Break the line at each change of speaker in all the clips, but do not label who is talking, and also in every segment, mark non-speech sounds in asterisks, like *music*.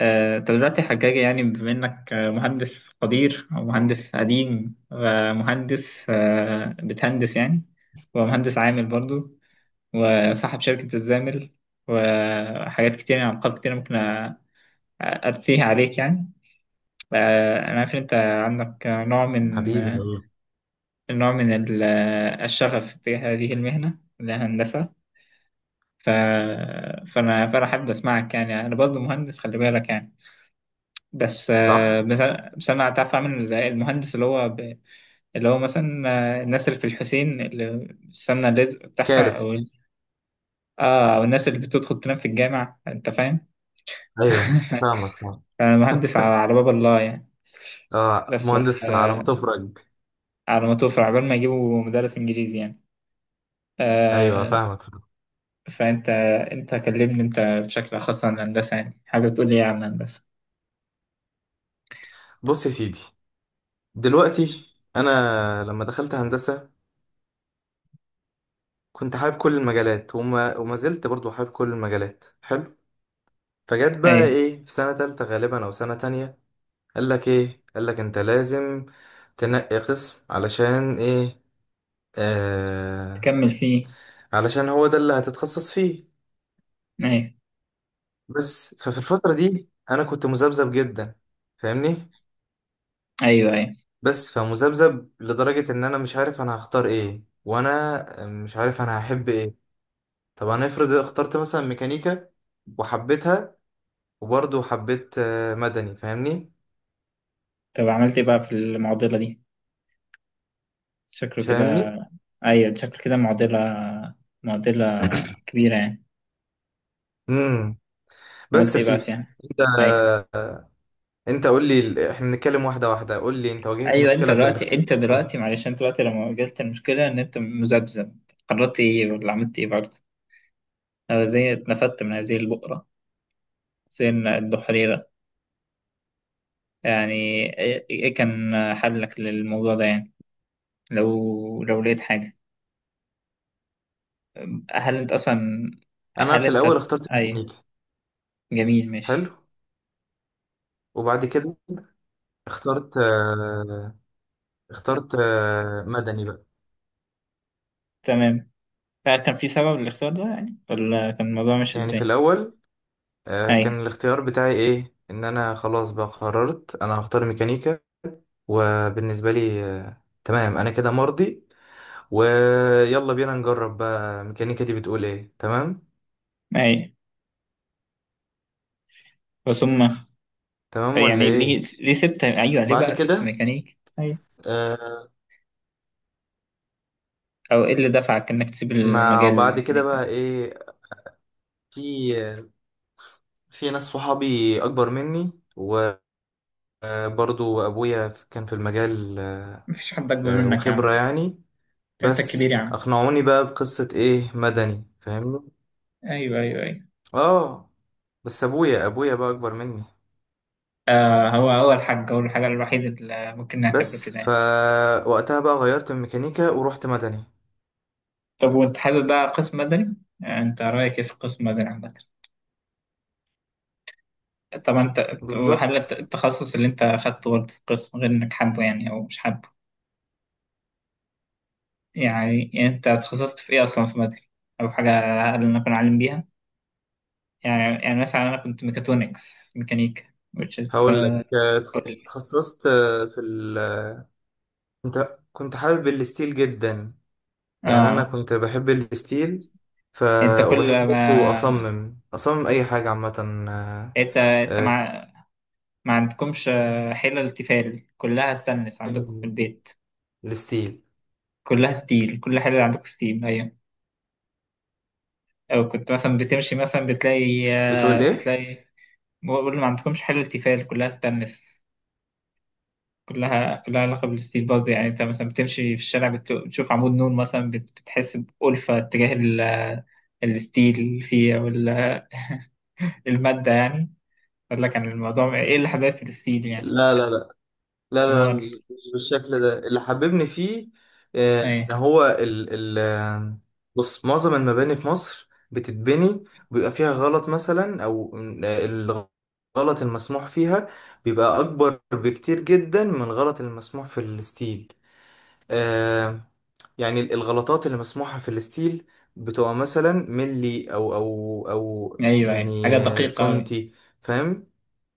طب دلوقتي يا حجاج يعني بما إنك مهندس قدير أو مهندس قديم ومهندس بتهندس يعني ومهندس عامل برضو وصاحب شركة الزامل وحاجات كتير يعني ألقاب كتير ممكن أرثيها عليك يعني. أنا عارف إن أنت عندك نوع من
حبيبي
آه،
والله.
نوع من الشغف تجاه هذه المهنة اللي هي الهندسة. ف... فأنا حابب أسمعك يعني، أنا برضو مهندس، خلي بالك يعني. بس آه،
صح.
بس انا بس أنا هتعرف اعمل زي المهندس اللي هو مثلا الناس اللي في الحسين اللي السمنه الرزق بتاعها،
كارف.
او ال- اه او الناس اللي بتدخل تنام في الجامع، انت فاهم.
ايوه،
*laughs*
فاهمك فاهمك.
أنا مهندس على باب الله يعني.
اه،
بس
مهندس على ما
آه
تفرج.
على ما توفر عقبال ما يجيبوا مدرس انجليزي يعني.
ايوه،
آه
فاهمك فاهمك.
فانت، انت كلمني بشكل خاص عن الهندسه، يعني حاجه تقول لي إيه عن الهندسه.
بص يا سيدي، دلوقتي انا لما دخلت هندسه كنت حابب كل المجالات وما زلت برضو حابب كل المجالات. حلو. فجت بقى
ايوه،
ايه في سنه تالتة غالبا او سنه تانية، قال لك ايه؟ قال لك انت لازم تنقي قسم. علشان ايه؟ آه
تكمل فيه،
علشان هو ده اللي هتتخصص فيه.
ايوه،
بس ففي الفتره دي انا كنت مذبذب جدا، فاهمني؟
ايوه، ايوه.
بس فمذبذب لدرجة ان انا مش عارف انا هختار ايه، وانا مش عارف انا هحب ايه. طب انا افرض اخترت مثلا ميكانيكا وحبيتها، وبرضه حبيت مدني، فاهمني؟
طب عملت ايه بقى في المعضله دي؟ شكله كده.
فاهمني.
ايوه شكله كده، معضلة، معضلة
*clears throat*
كبيرة يعني.
امم بس
عملت
يا
ايه بقى
سيدي،
فيها؟
انت
ايوه،
انت قول لي ال- احنا بنتكلم واحده واحده. قول لي، انت واجهت
ايوه، انت
مشكله في
دلوقتي انت
الاختيار.
دلوقتي معلش انت دلوقتي لما واجهت المشكلة ان انت مذبذب، قررت ايه ولا عملت ايه برضه؟ أنا زي اتنفدت من هذه البؤرة، زي الدحريرة يعني. إيه كان حلك للموضوع ده يعني؟ لو لقيت حاجة. هل انت اصلا
انا
هل
في الاول
انت
اخترت
ايوه،
ميكانيكا.
جميل،
حلو.
ماشي،
وبعد كده اخترت مدني بقى.
تمام. هل كان في سبب للاختيار ده يعني، ولا كان الموضوع مش
يعني في
ازاي؟
الاول
اي،
كان الاختيار بتاعي ايه؟ ان انا خلاص بقى قررت انا هختار ميكانيكا، وبالنسبه لي تمام انا كده مرضي. ويلا بينا نجرب بقى الميكانيكا دي بتقول ايه. تمام،
اي، بس هم
تمام ولا
يعني ليه
ايه.
ليه سبت، ايوه، ليه
بعد
بقى سبت
كده
ميكانيك اي؟
آه،
او ايه اللي دفعك انك تسيب
ما
المجال
بعد كده
الميكانيكي ده؟
بقى ايه، في في ناس صحابي اكبر مني، وبرضو ابويا كان في المجال
مفيش حد اكبر منك يا عم.
وخبره يعني.
أنت الكبير يا
بس
عم.
اقنعوني بقى بقصه ايه، مدني، فاهمني؟
ايوه، ايوه، ايوه.
اه. بس ابويا، ابويا بقى اكبر مني.
هو الحاجه الوحيده اللي ممكن نعتبره
بس
كده يعني.
فوقتها بقى غيرت من ميكانيكا ورحت مدني.
طب وانت حابب بقى قسم مدني؟ انت رايك ايه في قسم مدني عامه؟ طب انت أنت- هل
بالظبط.
الت- التخصص اللي انت اخدته برضه في القسم، غير انك حابه يعني او مش حابه؟ يعني انت اتخصصت في ايه اصلا في مدني؟ او حاجه، هل نكون عالم بيها؟ يعني مثلا أنا كنت ميكاترونكس ميكانيكا which is
هقول لك، آه،
قول
اتخ-
لي.
اتخصصت آه، في ال آه، كنت حابب الستيل جدا. يعني انا
آه،
كنت بحب الستيل. ف
أنت كل
وبحب برضه
ما
اصمم اي حاجه عامه. آه،
أنت أنت
آه،
ما ما عندكمش حلل تيفال كلها ستانلس عندكم في البيت؟
الستيل.
كلها ستيل، كل حلل عندكم ستيل، أيوة. أو كنت مثلا بتمشي، مثلا بتلاقي آه،
بتقول ايه؟
بتلاقي بقول ما عندكمش حلل تيفال كلها ستانلس. كلها علاقة بالستيل برضه يعني. أنت مثلا بتمشي في الشارع، بتشوف عمود نور مثلا، بتحس بألفة تجاه الستيل اللي فيه، أو المادة يعني. قال لك عن الموضوع ايه اللي حبايب فلسطين يعني؟
لا لا لا، لا، لا،
امال.
مش بالشكل ده اللي حببني فيه. آه، ان
ايوه،
هو ال ال آه، بص، معظم المباني في مصر بتتبني بيبقى فيها غلط مثلا، او الغلط المسموح فيها بيبقى اكبر بكتير جدا من غلط المسموح في الستيل. آه يعني الغلطات اللي مسموحة في الستيل بتبقى مثلا ملي أو أو
ايوه، ايوه، حاجة
يعني
دقيقة أوي.
سنتي، فاهم؟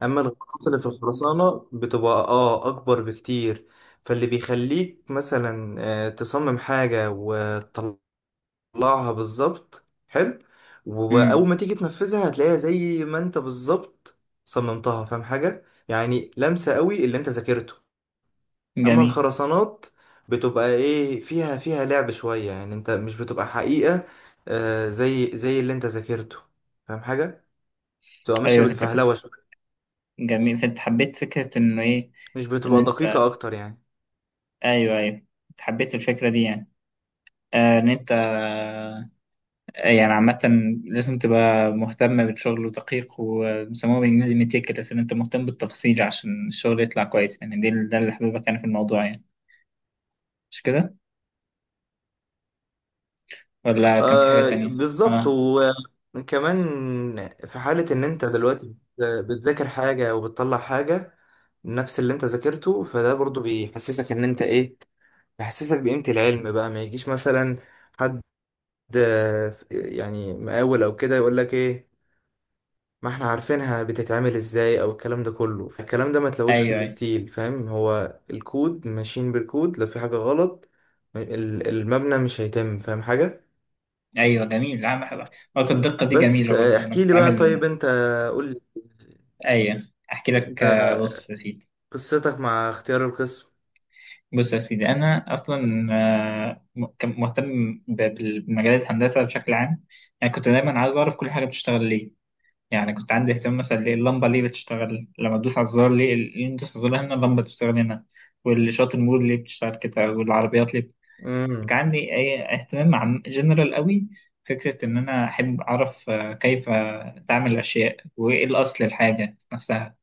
أما الغلطات اللي في الخرسانة بتبقى أكبر بكتير. فاللي بيخليك مثلا تصمم حاجة وتطلعها بالظبط. حلو. وأول
امم
ما تيجي تنفذها هتلاقيها زي ما أنت بالظبط صممتها، فاهم حاجة؟ يعني لمسة قوي اللي أنت ذاكرته. اما
جميل،
الخرسانات بتبقى ايه، فيها لعب شوية، يعني انت مش بتبقى حقيقة زي اللي انت ذاكرته، فاهم حاجة؟ بتبقى ماشية
ايوه فانت كنت،
بالفهلوة شوية،
جميل فانت حبيت فكرة انه ايه؟
مش
ان
بتبقى
انت،
دقيقة اكتر يعني.
ايوه، ايوه، انت حبيت الفكرة دي يعني. آه ان انت آه يعني عامة لازم تبقى مهتم بالشغل ودقيق، وبيسموها بالانجليزي ميتيكلس، ان انت مهتم بالتفاصيل عشان الشغل يطلع كويس يعني، ده اللي حبيبك كان في الموضوع يعني، مش كده؟ ولا كان في حاجة تانية؟
بالظبط.
اه،
وكمان في حالة ان انت دلوقتي بتذاكر حاجة وبتطلع حاجة نفس اللي انت ذاكرته، فده برضو بيحسسك ان انت ايه، بيحسسك بقيمة العلم. بقى ما يجيش مثلا حد، يعني مقاول او كده، يقول لك ايه، ما احنا عارفينها بتتعمل ازاي او الكلام ده كله. فالكلام ده ما تلوش في
ايوه، ايوه،
الستيل، فاهم؟ هو الكود، ماشيين بالكود. لو في حاجة غلط ال- المبنى مش هيتم، فاهم حاجة؟
ايوه، جميل. لا، بحب نقطة الدقة دي،
بس
جميلة برضه. انا
احكي
كنت
لي بقى.
عامل،
طيب انت قول لي
ايوه. احكي لك،
انت
بص يا سيدي
قصتك مع اختيار القسم.
بص يا سيدي انا اصلا كان مهتم بمجالات الهندسة بشكل عام. يعني كنت دايما عايز اعرف كل حاجة بتشتغل ليه. يعني كنت عندي اهتمام مثلا، ليه اللمبة ليه بتشتغل لما تدوس على الزرار، ليه تدوس على الزرار هنا اللمبة بتشتغل هنا، والإشارات المرور ليه بتشتغل كده، والعربيات ليه. كان
امم
عندي أي اهتمام عام جنرال قوي، فكرة إن أنا أحب أعرف كيف تعمل الأشياء، وإيه الأصل الحاجة نفسها.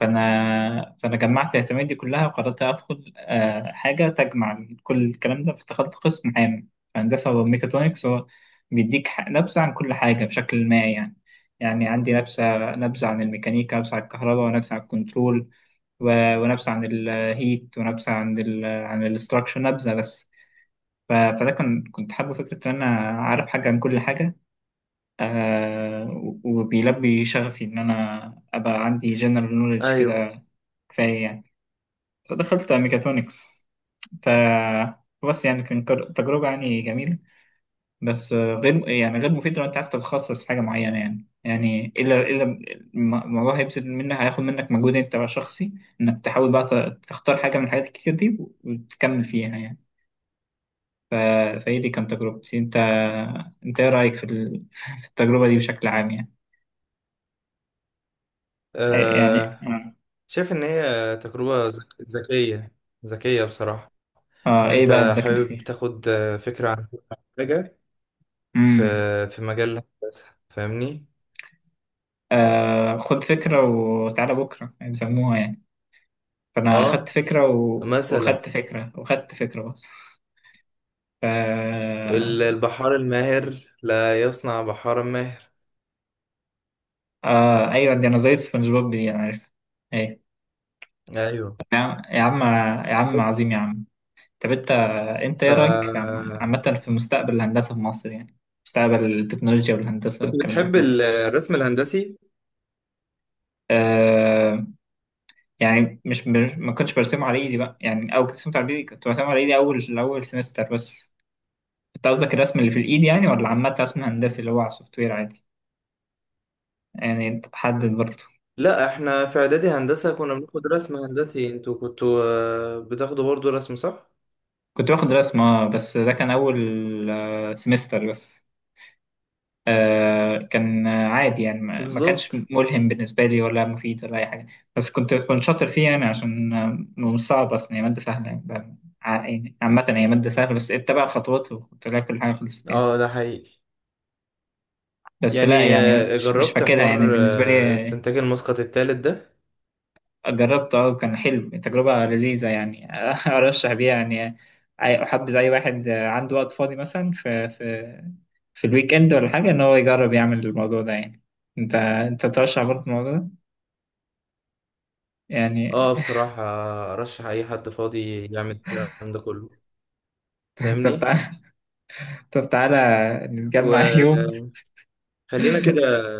فأنا جمعت اهتماماتي دي كلها، وقررت أدخل حاجة تجمع كل الكلام ده، فدخلت قسم عام في هندسة وميكاترونكس. هو بيديك نبذة عن كل حاجة بشكل ما يعني. يعني عندي نبذة عن الميكانيكا، نبذة عن الكهرباء، ونبذة عن الكنترول، ونبذة عن الهيت، ونبذة عن الاستراكشر، نبذة بس. فده كان، كنت حابب فكرة إن أنا عارف حاجة عن كل حاجة. وبيلبي شغفي إن أنا أبقى عندي جنرال نوليدج
ايوه.
كده، كفاية يعني. فدخلت ميكاترونكس. ف بس يعني كان، تجربة يعني جميلة. بس غير يعني، غير مفيدة لو أنت عايز تتخصص في حاجة معينة يعني إلا الموضوع هيبذل منك، هياخد منك مجهود أنت بقى شخصي، إنك تحاول بقى تختار حاجة من الحاجات الكتير دي وتكمل فيها يعني. ف... فهي دي كانت تجربتي. انت ايه رأيك *laughs* في التجربة دي بشكل عام يعني؟ إيه يعني؟
أه،
اه،
شايف ان هي تجربة ذكية. ذكية بصراحة.
اه،
ان
ايه بقى
انت
الذكاء اللي
حابب
فيها؟
تاخد فكرة عن حاجة في
امم
في مجال الهندسة، فاهمني؟
خد فكرة وتعالى بكرة يعني، بيسموها يعني. فانا خدت
اه،
فكرة
مثلا
وخدت فكرة وخدت فكرة بس. ف
ال- البحار الماهر لا يصنع بحارا ماهر.
ايوه، دي انا زيت سبونج بوب دي، انا عارف. ايه
ايوه.
يا عم، يا عم، يا عم،
بس
عظيم يا عم. طب انت
ف
ايه رايك عامة في مستقبل الهندسة في مصر يعني؟ مستقبل التكنولوجيا والهندسة
كنت
والكلام ده
بتحب
في مصر.
ال- الرسم الهندسي؟
آه يعني ما كنتش برسمه على ايدي بقى يعني، او كنت رسمته على ايدي، كنت برسمه على ايدي اول سمستر بس. انت قصدك الرسم اللي في الايد يعني، ولا عامه رسم هندسي اللي هو على السوفت وير عادي؟ يعني حدد برضه.
لا، احنا في اعدادي هندسة كنا بناخد رسم هندسي. انتوا كنتوا بتاخدوا برضو رسم، صح؟
كنت باخد رسم، اه بس ده كان اول سمستر بس. كان عادي يعني، ما كانش
بالظبط.
ملهم بالنسبه لي ولا مفيد ولا اي حاجه. بس كنت شاطر فيه يعني عشان مش صعب اصلا، هي ماده سهله يعني، يعني عامه هي مادة سهلة، بس اتبع الخطوات وكنت لاقي كل حاجة خلصت يعني.
اه، ده حقيقي.
بس لا
يعني
يعني مش
جربت
فاكرها يعني
حوار
بالنسبة لي.
استنتاج المسقط الثالث ده.
جربته، اه كان حلو، تجربة لذيذة يعني. *laughs* أرشح بيها يعني، أحبذ أي واحد عنده وقت فاضي مثلا في الويك إند ولا حاجة، إن هو يجرب يعمل الموضوع ده يعني. أنت ترشح برضه الموضوع ده يعني؟
اه، بصراحة ارشح اي حد فاضي يعمل الكلام ده كله.
*laughs* طب
فاهمني؟
تعالى طب تعالى نتجمع يوم.
وخلينا كده.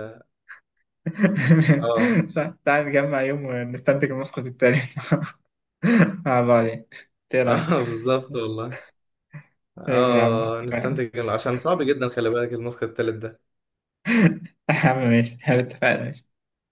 اه.
*laughs* تعالى نتجمع يوم ونستنتج النسخة التانية، *laughs* مع بعض يعني، إيه
*laughs*
رأيك؟
اه، بالظبط والله.
ماشي يا عم،
اه،
اتفقنا.
نستنتج إنه- عشان صعب جدا، خلي بالك الماسك التالت ده.
*laughs* يا عم ماشي، اتفقنا.